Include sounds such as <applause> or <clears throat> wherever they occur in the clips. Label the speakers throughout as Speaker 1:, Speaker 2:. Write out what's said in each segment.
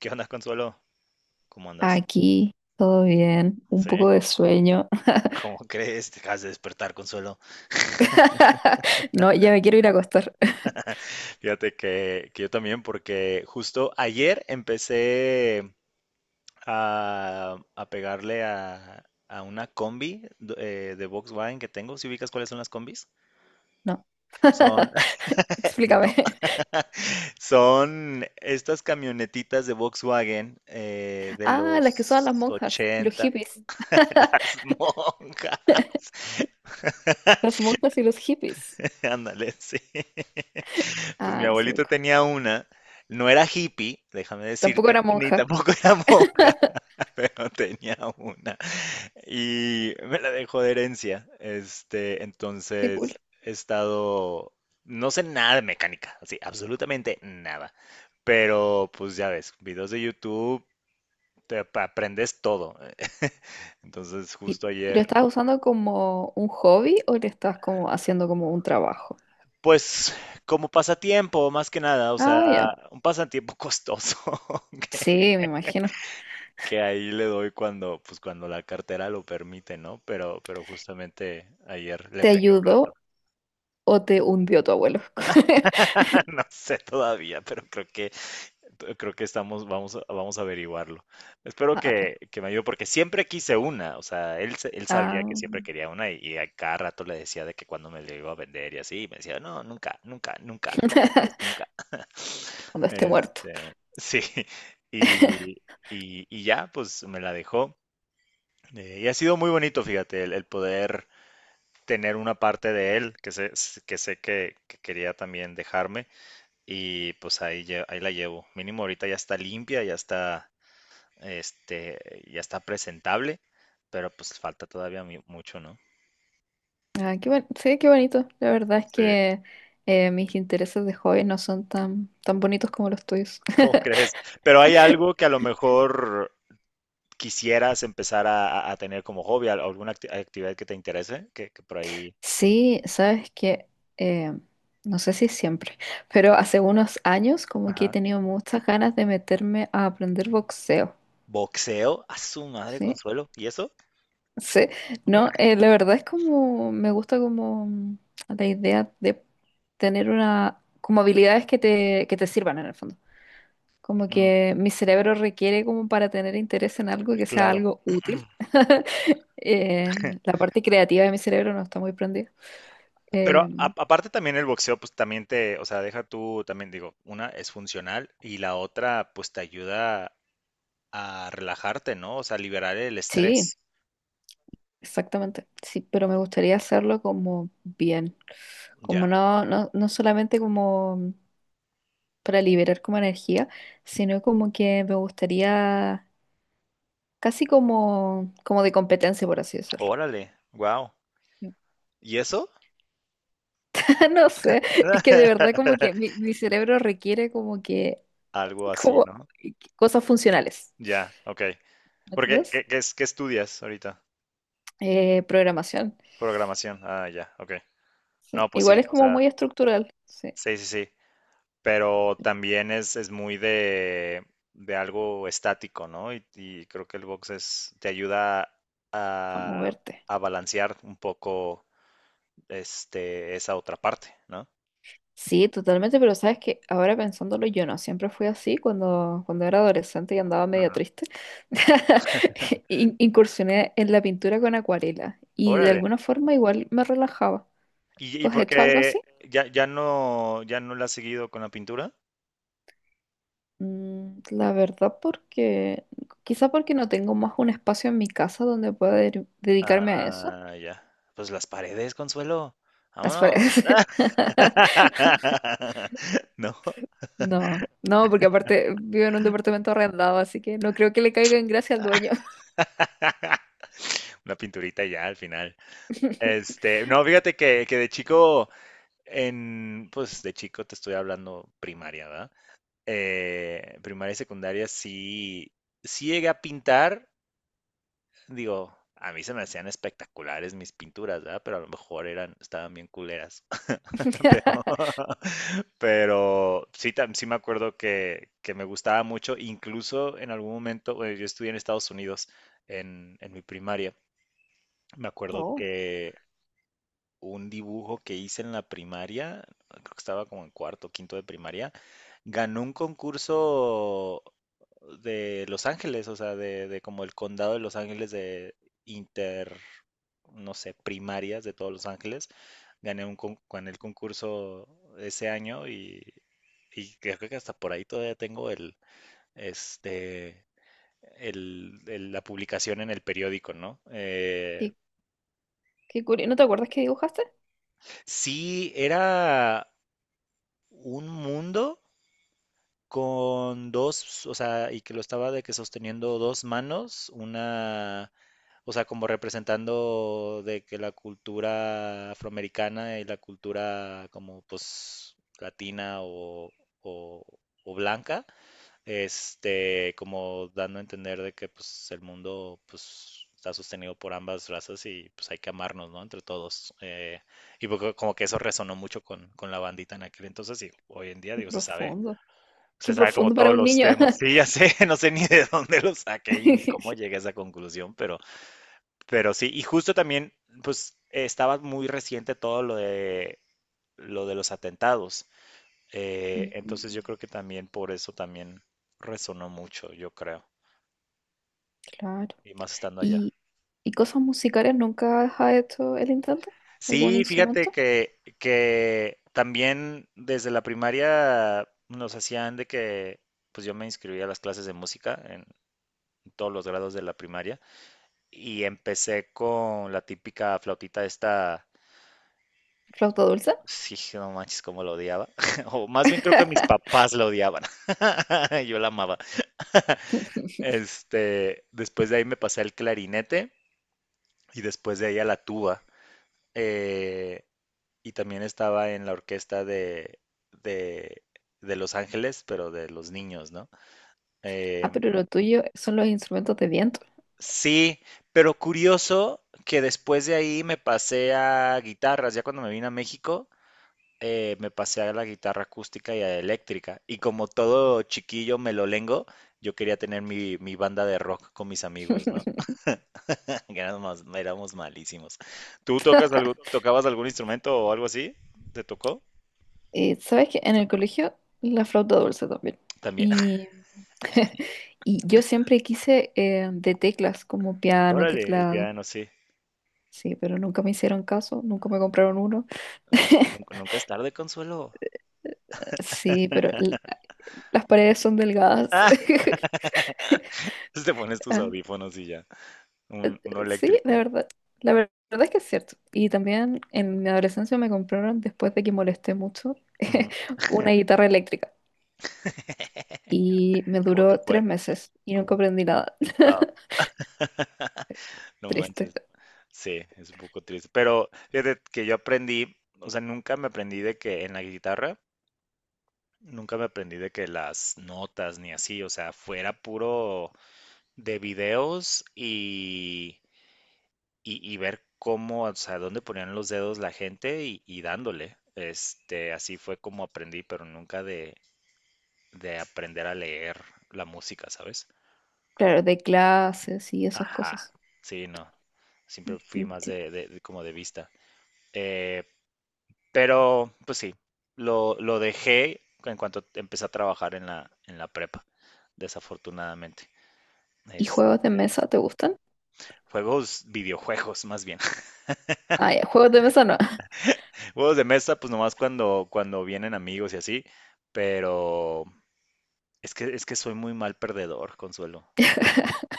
Speaker 1: ¿Qué onda, Consuelo? ¿Cómo andas?
Speaker 2: Aquí, todo bien, un
Speaker 1: ¿Sí?
Speaker 2: poco de sueño. <laughs>
Speaker 1: ¿Cómo crees? Te acabas de despertar, Consuelo.
Speaker 2: No, ya me quiero ir a acostar. <laughs>
Speaker 1: Fíjate que yo también, porque justo ayer empecé a pegarle a una combi de Volkswagen que tengo. ¿Si ubicas cuáles son las combis?
Speaker 2: No.
Speaker 1: Son,
Speaker 2: <laughs>
Speaker 1: <laughs> no,
Speaker 2: Explícame.
Speaker 1: <laughs> son estas camionetitas de Volkswagen de
Speaker 2: Ah, las que usaban las
Speaker 1: los
Speaker 2: monjas y los
Speaker 1: 80.
Speaker 2: hippies.
Speaker 1: <laughs> Las
Speaker 2: <laughs>
Speaker 1: monjas.
Speaker 2: Las monjas y los hippies.
Speaker 1: <laughs> Ándale, sí. Pues mi
Speaker 2: Ah, las
Speaker 1: abuelito
Speaker 2: ubico.
Speaker 1: tenía una, no era hippie, déjame
Speaker 2: Tampoco
Speaker 1: decirte,
Speaker 2: era
Speaker 1: ni
Speaker 2: monja.
Speaker 1: tampoco era monja,
Speaker 2: <laughs>
Speaker 1: <laughs> pero tenía una y me la dejó de herencia.
Speaker 2: Qué cool.
Speaker 1: Entonces he estado, no sé nada de mecánica, así, absolutamente nada. Pero pues ya ves, videos de YouTube, te aprendes todo. <laughs> Entonces
Speaker 2: ¿Y,
Speaker 1: justo
Speaker 2: y lo
Speaker 1: ayer,
Speaker 2: estabas usando como un hobby o lo estabas como haciendo como un trabajo?
Speaker 1: pues como pasatiempo, más que nada, o
Speaker 2: Ah, ya.
Speaker 1: sea, un pasatiempo costoso. <laughs> ¿Ok?
Speaker 2: Sí, me imagino.
Speaker 1: Que ahí le doy pues cuando la cartera lo permite, ¿no? Pero justamente ayer le
Speaker 2: ¿Te
Speaker 1: pegué un rato.
Speaker 2: ayudó o te hundió tu abuelo? <laughs>
Speaker 1: <laughs> No sé todavía, pero creo que vamos a averiguarlo. Espero
Speaker 2: Ah, ya.
Speaker 1: que me ayude, porque siempre quise una, o sea, él sabía
Speaker 2: Ah.
Speaker 1: que siempre quería una y a cada rato le decía de que cuando me le iba a vender y así, y me decía, no, nunca, nunca, nunca, ¿cómo crees?
Speaker 2: <laughs>
Speaker 1: Nunca. <laughs>
Speaker 2: Cuando esté muerto.
Speaker 1: Sí, y,
Speaker 2: <laughs>
Speaker 1: y ya, pues me la dejó. Y ha sido muy bonito, fíjate, el poder tener una parte de él que sé que quería también dejarme y pues ahí la llevo. Mínimo ahorita ya está limpia, este, ya está presentable, pero pues falta todavía mucho, ¿no?
Speaker 2: Ah, sí, qué bonito. La verdad es
Speaker 1: Sí.
Speaker 2: que mis intereses de hobby no son tan, tan bonitos como los tuyos.
Speaker 1: <laughs> ¿Cómo
Speaker 2: <laughs>
Speaker 1: crees? Pero hay algo que a lo mejor quisieras empezar a, a tener como hobby, alguna actividad que te interese, que por ahí...
Speaker 2: Sí, sabes que, eh, no sé si siempre, pero hace unos años como que he
Speaker 1: Ajá.
Speaker 2: tenido muchas ganas de meterme a aprender boxeo.
Speaker 1: Boxeo, a su madre,
Speaker 2: Sí,
Speaker 1: Consuelo, ¿y eso?
Speaker 2: sí, no, la verdad es como, me gusta como la idea de tener una, como habilidades que te sirvan en el fondo. Como
Speaker 1: Mm,
Speaker 2: que mi cerebro requiere como para tener interés en algo que sea
Speaker 1: claro.
Speaker 2: algo útil. <laughs>
Speaker 1: <laughs>
Speaker 2: La parte creativa de mi cerebro no está muy prendida.
Speaker 1: Pero
Speaker 2: Eh,
Speaker 1: aparte también el boxeo, pues también te, o sea, deja tú, también digo, una es funcional y la otra, pues te ayuda a relajarte, ¿no? O sea, liberar el
Speaker 2: sí,
Speaker 1: estrés.
Speaker 2: exactamente. Sí, pero me gustaría hacerlo como bien.
Speaker 1: Ya.
Speaker 2: Como no, no, no solamente como para liberar como energía, sino como que me gustaría casi como, como de competencia, por así decirlo.
Speaker 1: Órale, wow. ¿Y eso?
Speaker 2: <laughs> No sé, es que de verdad como que
Speaker 1: <laughs>
Speaker 2: mi cerebro requiere como que
Speaker 1: Algo así,
Speaker 2: como
Speaker 1: ¿no?
Speaker 2: cosas funcionales.
Speaker 1: Ya, ok.
Speaker 2: ¿Me
Speaker 1: Porque,
Speaker 2: entiendes?
Speaker 1: qué estudias ahorita?
Speaker 2: Programación.
Speaker 1: Programación. Ah, ya, ok.
Speaker 2: Sí.
Speaker 1: No, pues
Speaker 2: Igual
Speaker 1: sí,
Speaker 2: es
Speaker 1: o
Speaker 2: como
Speaker 1: sea,
Speaker 2: muy estructural. Sí,
Speaker 1: sí, sí, sí. Pero también es muy de algo estático, ¿no? Y creo que el box es, te ayuda
Speaker 2: a
Speaker 1: a,
Speaker 2: moverte.
Speaker 1: a balancear un poco esa otra parte, ¿no?
Speaker 2: Sí, totalmente, pero sabes que ahora pensándolo yo no, siempre fui así cuando, cuando era adolescente y andaba medio
Speaker 1: Ajá.
Speaker 2: triste. <laughs>
Speaker 1: <laughs>
Speaker 2: Incursioné en la pintura con acuarela y de
Speaker 1: Órale.
Speaker 2: alguna forma igual me relajaba.
Speaker 1: ¿Y
Speaker 2: ¿Tú has
Speaker 1: por
Speaker 2: hecho algo
Speaker 1: qué
Speaker 2: así?
Speaker 1: ya no, ya no la has seguido con la pintura?
Speaker 2: La verdad porque quizá porque no tengo más un espacio en mi casa donde pueda dedicarme a eso.
Speaker 1: Ah, ya. Pues las paredes, Consuelo.
Speaker 2: Las
Speaker 1: Vámonos.
Speaker 2: paredes. <laughs>
Speaker 1: <laughs> No,
Speaker 2: No, no, porque aparte vivo en un departamento arrendado, así que no creo que le caiga en gracia al dueño.
Speaker 1: <laughs> una pinturita y ya al final. No, fíjate que de chico. En, pues de chico te estoy hablando primaria, ¿verdad? Primaria y secundaria sí, sí llegué a pintar, digo, a mí se me hacían espectaculares mis pinturas, ¿verdad? Pero a lo mejor estaban bien culeras. <laughs> Pero,
Speaker 2: <laughs>
Speaker 1: <laughs> pero sí, sí me acuerdo que me gustaba mucho, incluso en algún momento, bueno, yo estudié en Estados Unidos en mi primaria. Me acuerdo
Speaker 2: Oh,
Speaker 1: que un dibujo que hice en la primaria, creo que estaba como en cuarto, quinto de primaria, ganó un concurso de Los Ángeles, o sea, de como el condado de Los Ángeles inter, no sé, primarias de todos Los Ángeles. Gané gané el concurso ese año y creo que hasta por ahí todavía tengo el, este, el- la publicación en el periódico, ¿no?
Speaker 2: qué, qué curioso. ¿No te acuerdas que dibujaste?
Speaker 1: Sí, era un mundo con dos, o sea, y que lo estaba de que sosteniendo dos manos, una, o sea, como representando de que la cultura afroamericana y la cultura como pues latina o- o blanca, como dando a entender de que pues el mundo pues está sostenido por ambas razas y pues hay que amarnos, ¿no? Entre todos. Y como que eso resonó mucho con la bandita en aquel entonces y hoy en día,
Speaker 2: Qué
Speaker 1: digo,
Speaker 2: profundo. Qué
Speaker 1: se sabe como
Speaker 2: profundo para
Speaker 1: todos
Speaker 2: un
Speaker 1: los
Speaker 2: niño.
Speaker 1: temas. Sí, ya sé, <laughs> no sé ni de dónde lo saqué y ni cómo
Speaker 2: <laughs>
Speaker 1: llegué a esa conclusión, pero sí, y justo también, pues estaba muy reciente todo lo de los atentados.
Speaker 2: Mm.
Speaker 1: Entonces yo creo que también por eso también resonó mucho, yo creo,
Speaker 2: Claro.
Speaker 1: y más estando allá.
Speaker 2: ¿Y, y cosas musicales nunca has hecho el intento? ¿Algún
Speaker 1: Sí, fíjate
Speaker 2: instrumento?
Speaker 1: que también desde la primaria nos hacían de que, pues yo me inscribí a las clases de música en todos los grados de la primaria y empecé con la típica flautita esta,
Speaker 2: ¿Flauta dulce?
Speaker 1: sí, no manches, cómo la odiaba, <laughs> o más bien creo que mis
Speaker 2: <laughs>
Speaker 1: papás la odiaban, <laughs> yo la amaba. <laughs> Después de ahí me pasé al clarinete y después de ahí a la tuba. eh, y también estaba en la orquesta de, de Los Ángeles, pero de los niños, ¿no? Eh,
Speaker 2: Ah, pero lo tuyo son los instrumentos de viento.
Speaker 1: sí, pero curioso que después de ahí me pasé a guitarras, ya cuando me vine a México. Me pasé a la guitarra acústica y a la eléctrica. Y como todo chiquillo me lo lengo, yo quería tener mi banda de rock con mis amigos, ¿no?
Speaker 2: <laughs>
Speaker 1: Que éramos malísimos. ¿Tú tocas algo, tocabas algún instrumento o algo así? ¿Te tocó?
Speaker 2: Sabes que en el colegio la flauta dulce también.
Speaker 1: También. <laughs>
Speaker 2: Y, <laughs> y yo siempre quise de teclas, como piano,
Speaker 1: Órale, el
Speaker 2: teclado.
Speaker 1: piano, sí.
Speaker 2: Sí, pero nunca me hicieron caso, nunca me compraron uno.
Speaker 1: Pues nunca,
Speaker 2: <laughs>
Speaker 1: nunca es tarde, Consuelo.
Speaker 2: Sí, pero las paredes son delgadas.
Speaker 1: Ah,
Speaker 2: <laughs>
Speaker 1: <laughs> te pones tus
Speaker 2: Ah.
Speaker 1: audífonos y ya. Uno
Speaker 2: Sí, la
Speaker 1: eléctrico.
Speaker 2: verdad. Verdad es que es cierto. Y también en mi adolescencia me compraron, después de que molesté mucho,
Speaker 1: Ujú.
Speaker 2: <laughs> una guitarra eléctrica. Y
Speaker 1: <laughs>
Speaker 2: me
Speaker 1: ¿Cómo te
Speaker 2: duró tres
Speaker 1: fue?
Speaker 2: meses y nunca
Speaker 1: ¿Cómo?
Speaker 2: aprendí nada.
Speaker 1: Ah,
Speaker 2: <laughs>
Speaker 1: <laughs> no
Speaker 2: Triste.
Speaker 1: manches. Sí, es un poco triste. Pero fíjate que yo aprendí, o sea, nunca me aprendí de que en la guitarra, nunca me aprendí de que las notas ni así, o sea, fuera puro de videos y, y ver cómo, o sea, dónde ponían los dedos la gente y, dándole. Así fue como aprendí, pero nunca de aprender a leer la música, ¿sabes?
Speaker 2: Claro, de clases y esas
Speaker 1: Ajá,
Speaker 2: cosas.
Speaker 1: sí, no. Siempre fui más
Speaker 2: Entiendo.
Speaker 1: de como de vista. Eh, pero, pues sí, lo dejé en cuanto empecé a trabajar en la prepa, desafortunadamente.
Speaker 2: ¿Y juegos de
Speaker 1: Este,
Speaker 2: mesa te gustan?
Speaker 1: Juegos, videojuegos, más bien.
Speaker 2: Ah, ya, juegos de mesa no. <laughs>
Speaker 1: Juegos de mesa, pues nomás cuando vienen amigos y así, pero es que soy muy mal perdedor, Consuelo,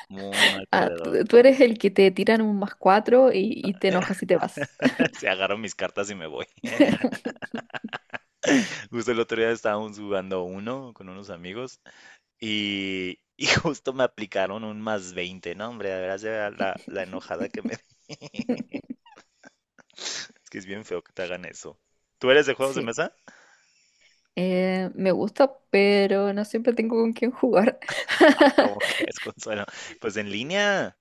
Speaker 1: muy mal
Speaker 2: Ah,
Speaker 1: perdedor.
Speaker 2: tú eres el que te tiran un +4 y te enojas y te vas.
Speaker 1: <laughs> Se agarro mis cartas y me voy. <laughs>
Speaker 2: <laughs>
Speaker 1: Justo el otro día estábamos jugando uno con unos amigos y, justo me aplicaron un más 20, ¿no? Hombre, de veras ya la enojada que me di. <laughs> Es que es bien feo que te hagan eso. ¿Tú eres de juegos de
Speaker 2: Sí.
Speaker 1: mesa?
Speaker 2: Me gusta, pero no siempre tengo con quién jugar. <laughs>
Speaker 1: ¿Cómo <laughs> que es, Consuelo? Pues en línea,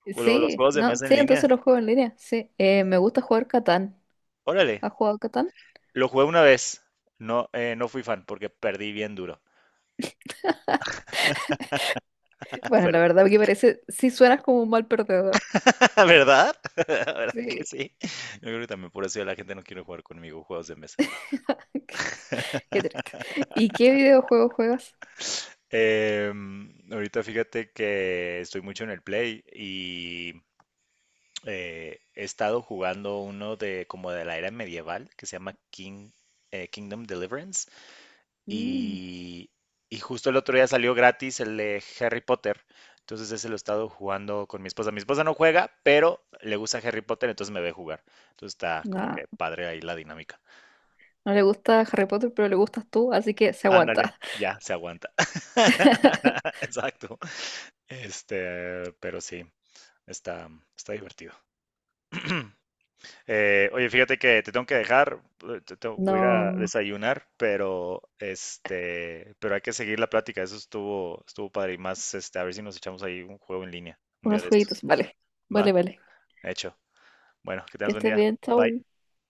Speaker 1: los
Speaker 2: Sí,
Speaker 1: juegos de
Speaker 2: no,
Speaker 1: mesa
Speaker 2: sí,
Speaker 1: en línea.
Speaker 2: entonces los juego en línea. Sí. Me gusta jugar Catán.
Speaker 1: Órale.
Speaker 2: ¿Has jugado Catán?
Speaker 1: Lo jugué una vez. No fui fan porque perdí bien duro. <laughs>
Speaker 2: Bueno,
Speaker 1: Pero,
Speaker 2: la verdad que parece, sí suenas como un mal perdedor.
Speaker 1: <laughs> ¿Verdad? <laughs> ¿Verdad que
Speaker 2: Sí.
Speaker 1: sí? Yo creo que también por eso ya la gente no quiere jugar conmigo juegos de mesa.
Speaker 2: <laughs> Qué, qué triste.
Speaker 1: <laughs>
Speaker 2: ¿Y qué videojuego juegas?
Speaker 1: Ahorita fíjate que estoy mucho en el Play y he estado jugando uno de como de la era medieval que se llama Kingdom Deliverance.
Speaker 2: Mm,
Speaker 1: Y, y justo el otro día salió gratis el de Harry Potter. Entonces ese lo he estado jugando con mi esposa. Mi esposa no juega, pero le gusta Harry Potter, entonces me ve jugar. Entonces está como
Speaker 2: no.
Speaker 1: que padre ahí la dinámica.
Speaker 2: No le gusta Harry Potter, pero le gustas tú, así que se
Speaker 1: Ándale,
Speaker 2: aguanta.
Speaker 1: ya se aguanta.
Speaker 2: <laughs>
Speaker 1: <laughs> Exacto. Pero sí, está, está divertido. <clears throat> Oye, fíjate que te tengo que dejar, voy a ir a
Speaker 2: No,
Speaker 1: desayunar, pero hay que seguir la plática, eso estuvo padre y más, a ver si nos echamos ahí un juego en línea, un día
Speaker 2: unos
Speaker 1: de estos.
Speaker 2: jueguitos, vale. Vale,
Speaker 1: ¿Va?
Speaker 2: vale.
Speaker 1: Hecho. Bueno, que tengas
Speaker 2: Que
Speaker 1: buen
Speaker 2: estés
Speaker 1: día.
Speaker 2: bien,
Speaker 1: Bye.
Speaker 2: chao.